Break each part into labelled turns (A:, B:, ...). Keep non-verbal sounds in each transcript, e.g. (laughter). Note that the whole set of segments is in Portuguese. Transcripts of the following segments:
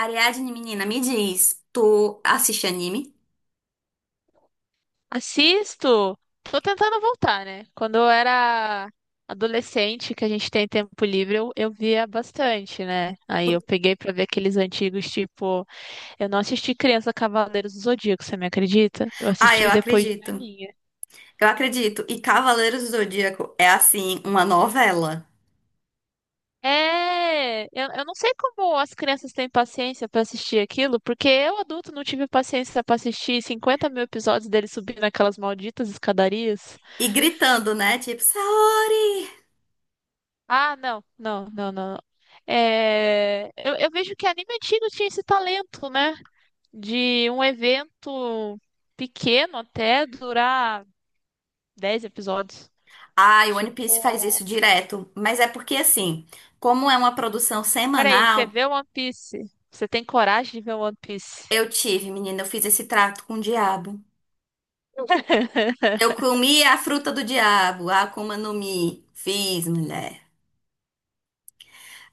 A: Ariadne, menina, me diz, tu assiste anime?
B: Assisto. Tô tentando voltar, né? Quando eu era adolescente, que a gente tem tempo livre, eu via bastante, né? Aí eu peguei pra ver aqueles antigos, tipo, eu não assisti Criança Cavaleiros do Zodíaco, você me acredita? Eu
A: Ah, eu
B: assisti depois de
A: acredito.
B: velhinha.
A: Eu acredito. E Cavaleiros do Zodíaco é assim, uma novela.
B: É, eu não sei como as crianças têm paciência pra assistir aquilo, porque eu, adulto, não tive paciência pra assistir 50.000 episódios dele subindo aquelas malditas escadarias.
A: E gritando, né? Tipo, Saori!
B: Ah, não, não, não, não, não. É, eu vejo que anime antigo tinha esse talento, né? De um evento pequeno até durar 10 episódios.
A: Ai, One Piece faz
B: Tipo,
A: isso direto. Mas é porque assim, como é uma produção
B: peraí, você
A: semanal,
B: vê One Piece? Você tem coragem de ver One Piece?
A: eu tive, menina, eu fiz esse trato com o diabo.
B: (laughs)
A: Eu comi a fruta do diabo, a Akuma no Mi. Fiz, mulher.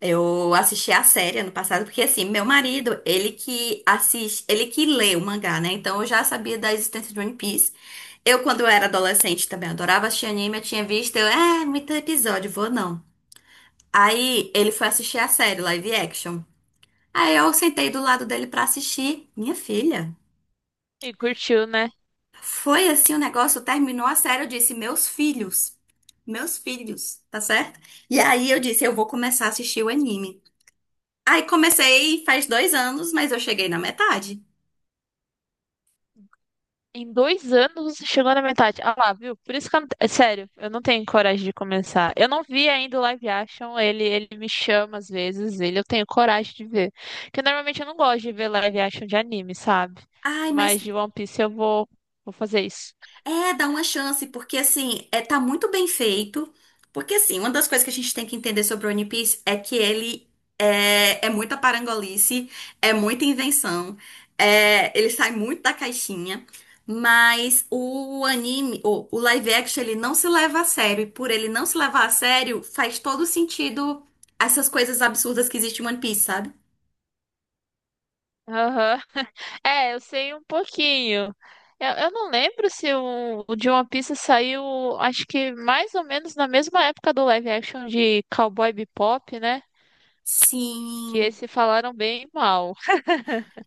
A: Eu assisti a série ano passado, porque assim, meu marido, ele que assiste, ele que lê o mangá, né? Então eu já sabia da existência de One Piece. Eu, quando eu era adolescente, também adorava assistir anime, eu tinha visto, eu, muito episódio, vou não. Aí ele foi assistir a série live action. Aí eu sentei do lado dele pra assistir. Minha filha,
B: E curtiu, né?
A: foi assim o negócio, terminou a série, eu disse, meus filhos, tá certo? E aí eu disse, eu vou começar a assistir o anime. Aí comecei faz dois anos, mas eu cheguei na metade.
B: Em 2 anos você chegou na metade. Ah lá, viu? Por isso que eu não... é sério, eu não tenho coragem de começar. Eu não vi ainda o live action, ele me chama às vezes, ele eu tenho coragem de ver. Porque normalmente eu não gosto de ver live action de anime, sabe?
A: Ai, mas
B: Mas de One Piece eu vou, vou fazer isso.
A: é, dá uma chance, porque assim, tá muito bem feito. Porque assim, uma das coisas que a gente tem que entender sobre o One Piece é que ele é muita parangolice, é muita invenção, ele sai muito da caixinha. Mas o anime, o live action, ele não se leva a sério. E por ele não se levar a sério, faz todo sentido essas coisas absurdas que existem em One Piece, sabe?
B: Aham. (laughs) É, eu sei um pouquinho. Eu não lembro se o de One Piece saiu, acho que mais ou menos na mesma época do live action de Cowboy Bebop, né? Que
A: Sim.
B: esse falaram bem mal.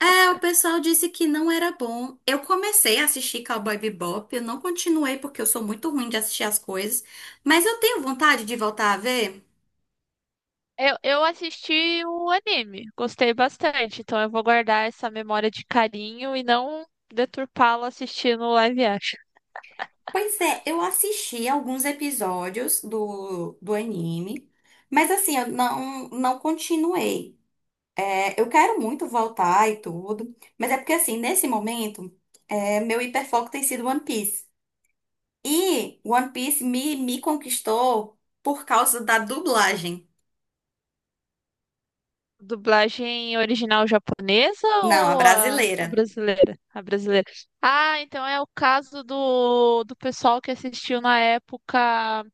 A: É, o pessoal disse que não era bom. Eu comecei a assistir Cowboy Bebop, eu não continuei porque eu sou muito ruim de assistir as coisas, mas eu tenho vontade de voltar a ver.
B: Eu assisti o anime, gostei bastante, então eu vou guardar essa memória de carinho e não deturpá-la assistindo o live action.
A: Pois é, eu assisti alguns episódios do anime, mas assim, eu não, não continuei. É, eu quero muito voltar e tudo, mas é porque assim, nesse momento, meu hiperfoco tem sido One Piece. E One Piece me, me conquistou por causa da dublagem.
B: Dublagem original japonesa
A: Não, a
B: ou a
A: brasileira.
B: brasileira? A brasileira. Ah, então é o caso do pessoal que assistiu na época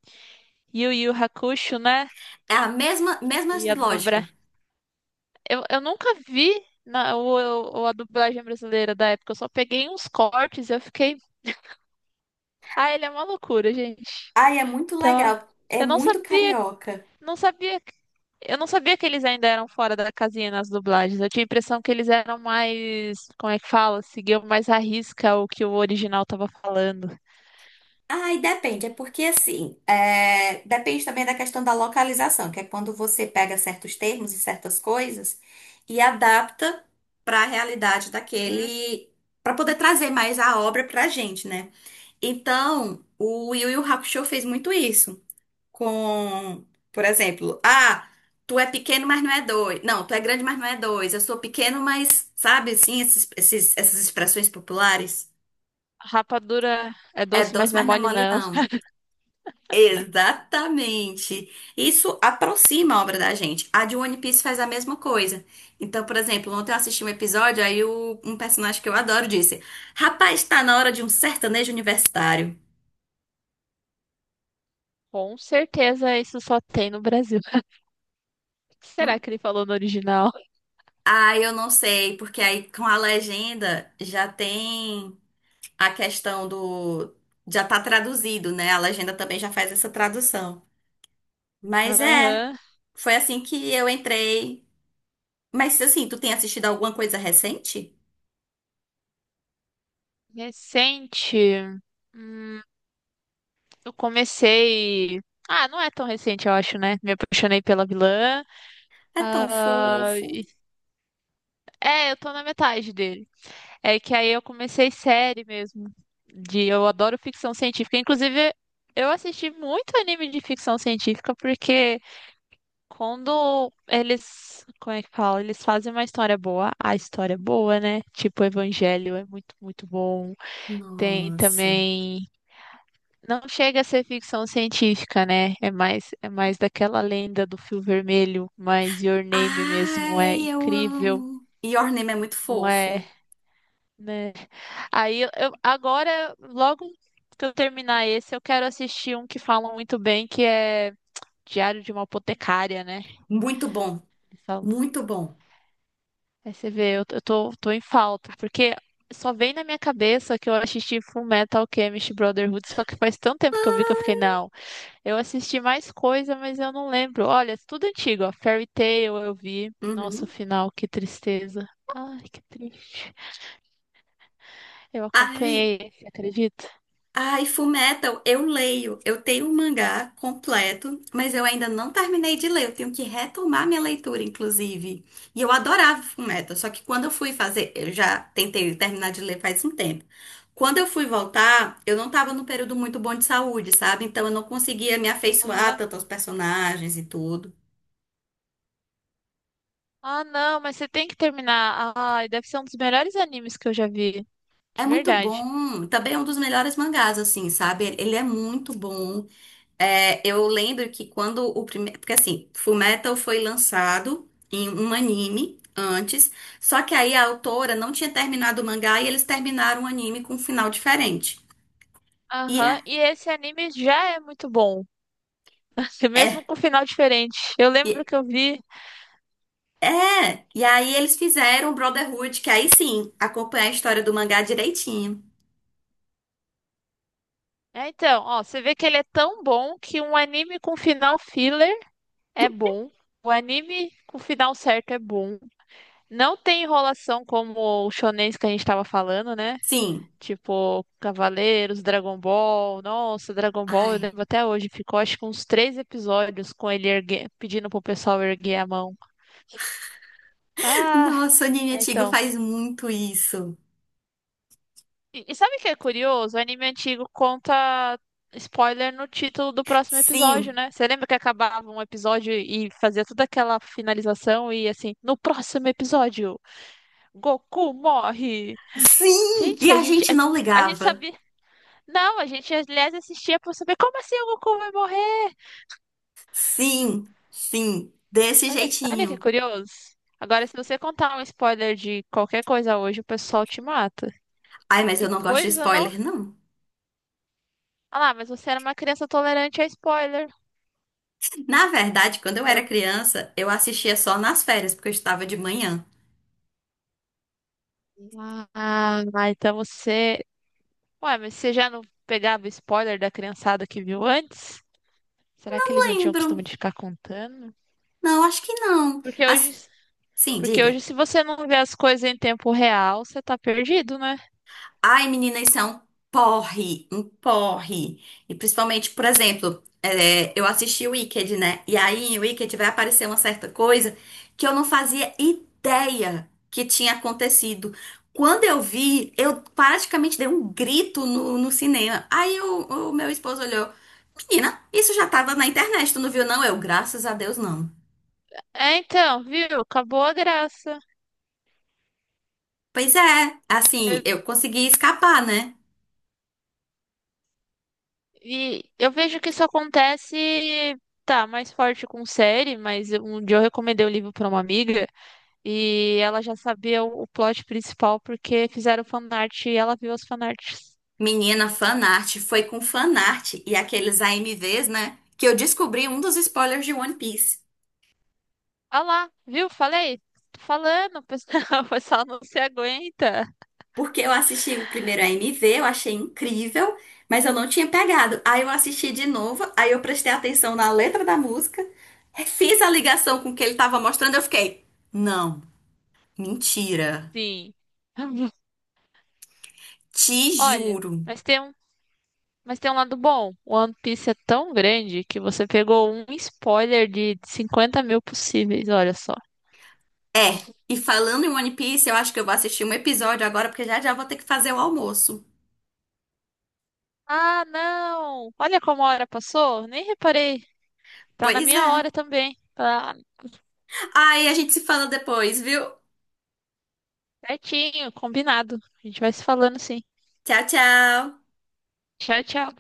B: Yu Yu Hakusho, né?
A: É a mesma, mesma
B: Que ia
A: lógica.
B: dobrar. Eu nunca vi a dublagem brasileira da época, eu só peguei uns cortes e eu fiquei. Ah, ele é uma loucura, gente.
A: Ai, é muito legal.
B: Tá.
A: É
B: Eu não
A: muito
B: sabia,
A: carioca.
B: não sabia, que- que eles ainda eram fora da casinha nas dublagens. Eu tinha a impressão que eles eram mais, como é que fala? Seguiam mais à risca o que o original tava falando.
A: Ai, depende. É porque, assim, depende também da questão da localização, que é quando você pega certos termos e certas coisas e adapta para a realidade
B: Hum.
A: daquele. Para poder trazer mais a obra para a gente, né? Então, o Yu Yu Hakusho fez muito isso. Com, por exemplo, ah, tu é pequeno, mas não é dois. Não, tu é grande, mas não é dois. Eu sou pequeno, mas, sabe, assim, essas expressões populares.
B: Rapadura é
A: É
B: doce, mas
A: doce,
B: não é
A: mas não é
B: mole,
A: mole,
B: não.
A: não. Exatamente. Isso aproxima a obra da gente. A de One Piece faz a mesma coisa. Então, por exemplo, ontem eu assisti um episódio, um personagem que eu adoro disse: Rapaz, tá na hora de um sertanejo universitário.
B: Com certeza isso só tem no Brasil. (laughs) O que será
A: Hum,
B: que ele falou no original?
A: Ah, eu não sei, porque aí com a legenda já tem. A questão do. Já tá traduzido, né? A legenda também já faz essa tradução. Mas é,
B: Aham.
A: foi assim que eu entrei. Mas assim, tu tem assistido alguma coisa recente?
B: Recente. Hum, eu comecei. Ah, não é tão recente, eu acho, né? Me apaixonei pela vilã.
A: É tão
B: Ah,
A: fofo.
B: é, eu tô na metade dele. É que aí eu comecei série mesmo. De, eu adoro ficção científica. Inclusive, eu assisti muito anime de ficção científica porque quando eles, como é que fala? Eles fazem uma história boa, a história é boa, né? Tipo, o Evangelho é muito, muito bom. Tem
A: Nossa.
B: também. Não chega a ser ficção científica, né? É mais daquela lenda do fio vermelho, mas Your Name mesmo é
A: Ai, eu
B: incrível,
A: amo. Your Name é muito
B: não é?
A: fofo.
B: Né? Aí agora, logo que eu terminar esse, eu quero assistir um que falam muito bem, que é Diário de uma Apotecária, né?
A: Muito bom.
B: Eles falam.
A: Muito bom.
B: Aí você vê, eu tô em falta, porque só vem na minha cabeça que eu assisti Fullmetal Alchemist Brotherhood, só que faz tanto tempo que eu vi que eu fiquei, não, eu assisti mais coisa, mas eu não lembro. Olha, é tudo antigo, ó, Fairy Tail eu vi. Nossa, o
A: Uhum.
B: final, que tristeza. Ai, que triste. Eu
A: Ai,
B: acompanhei esse, acredita?
A: ai, Fullmetal, eu leio. Eu tenho um mangá completo, mas eu ainda não terminei de ler. Eu tenho que retomar minha leitura, inclusive. E eu adorava Fullmetal, só que quando eu fui fazer, eu já tentei terminar de ler faz um tempo. Quando eu fui voltar, eu não estava num período muito bom de saúde, sabe? Então eu não conseguia me afeiçoar
B: Aham.
A: tanto aos personagens e tudo.
B: Ah, não, mas você tem que terminar. Ai, deve ser um dos melhores animes que eu já vi.
A: É
B: De
A: muito
B: verdade.
A: bom. Também é um dos melhores mangás, assim, sabe? Ele é muito bom. É, eu lembro que quando o primeiro. Porque assim, Fullmetal foi lançado em um anime antes, só que aí a autora não tinha terminado o mangá e eles terminaram o anime com um final diferente. E
B: Aham,
A: é.
B: e esse anime já é muito bom. (laughs) Mesmo
A: É.
B: com final diferente. Eu lembro
A: E,
B: que eu vi.
A: é. E aí eles fizeram o Brotherhood, que aí sim, acompanha a história do mangá direitinho.
B: É, então, ó, você vê que ele é tão bom que um anime com final filler é bom. O anime com final certo é bom. Não tem enrolação como o shonens que a gente tava falando, né?
A: Sim.
B: Tipo, Cavaleiros, Dragon Ball. Nossa, Dragon Ball, eu
A: Ai.
B: lembro até hoje. Ficou acho que uns 3 episódios com ele pedindo pro pessoal erguer a mão.
A: (laughs)
B: Ah,
A: Nossa, o anime antigo
B: então.
A: faz muito isso.
B: E sabe o que é curioso? O anime antigo conta spoiler no título do próximo episódio,
A: Sim.
B: né? Você lembra que acabava um episódio e fazia toda aquela finalização e assim, no próximo episódio, Goku morre.
A: Sim! E
B: Gente, a
A: a
B: gente,
A: gente
B: a
A: não
B: gente, a gente
A: ligava.
B: sabia. Não, a gente, aliás, assistia pra saber como assim o Goku vai morrer?
A: Sim, sim, desse
B: Olha, olha que
A: jeitinho.
B: curioso. Agora, se você contar um spoiler de qualquer coisa hoje, o pessoal te mata.
A: Ai, mas eu
B: Que
A: não gosto de
B: coisa, não?
A: spoiler, não.
B: Ah lá, mas você era uma criança tolerante a spoiler.
A: Na verdade, quando eu era
B: Pro-
A: criança, eu assistia só nas férias, porque eu estava de manhã.
B: Ah, ah, então você. Ué, mas você já não pegava spoiler da criançada que viu antes? Será que eles não tinham
A: Lembro.
B: costume de ficar contando?
A: Não, acho que não.
B: Porque hoje,
A: As- sim,
B: porque
A: diga.
B: hoje, se você não vê as coisas em tempo real, você tá perdido, né?
A: Ai, menina, isso é um porre, um porre. E principalmente, por exemplo, eu assisti o Wicked, né? E aí, em Wicked vai aparecer uma certa coisa que eu não fazia ideia que tinha acontecido. Quando eu vi, eu praticamente dei um grito no cinema. Aí o meu esposo olhou. Menina, isso já estava na internet, tu não viu, não? Eu, graças a Deus, não.
B: É, então, viu? Acabou a graça.
A: Pois é, assim,
B: Eu
A: eu consegui escapar, né?
B: E eu vejo que isso acontece, tá, mais forte com série, mas um dia eu recomendei o livro pra uma amiga e ela já sabia o plot principal porque fizeram fanart e ela viu as fanarts.
A: Menina, fanart, foi com fanart e aqueles AMVs, né? Que eu descobri um dos spoilers de One Piece.
B: Ah lá, viu? Falei, tô falando, o pessoal (laughs) o pessoal não se aguenta.
A: Porque eu assisti o primeiro AMV, eu achei incrível, mas eu não tinha pegado. Aí eu assisti de novo, aí eu prestei atenção na letra da música, fiz a ligação com o que ele tava mostrando, eu fiquei, não, mentira,
B: Sim.
A: te
B: Olha,
A: juro.
B: mas tem um, mas tem um lado bom. O One Piece é tão grande que você pegou um spoiler de 50 mil possíveis, olha só.
A: É, e falando em One Piece, eu acho que eu vou assistir um episódio agora, porque já já vou ter que fazer o almoço.
B: Ah, não! Olha como a hora passou, nem reparei. Tá na
A: Pois
B: minha
A: é.
B: hora também. Tá
A: Aí a gente se fala depois, viu?
B: certinho, combinado. A gente vai se falando sim.
A: Tchau, tchau.
B: Tchau, tchau.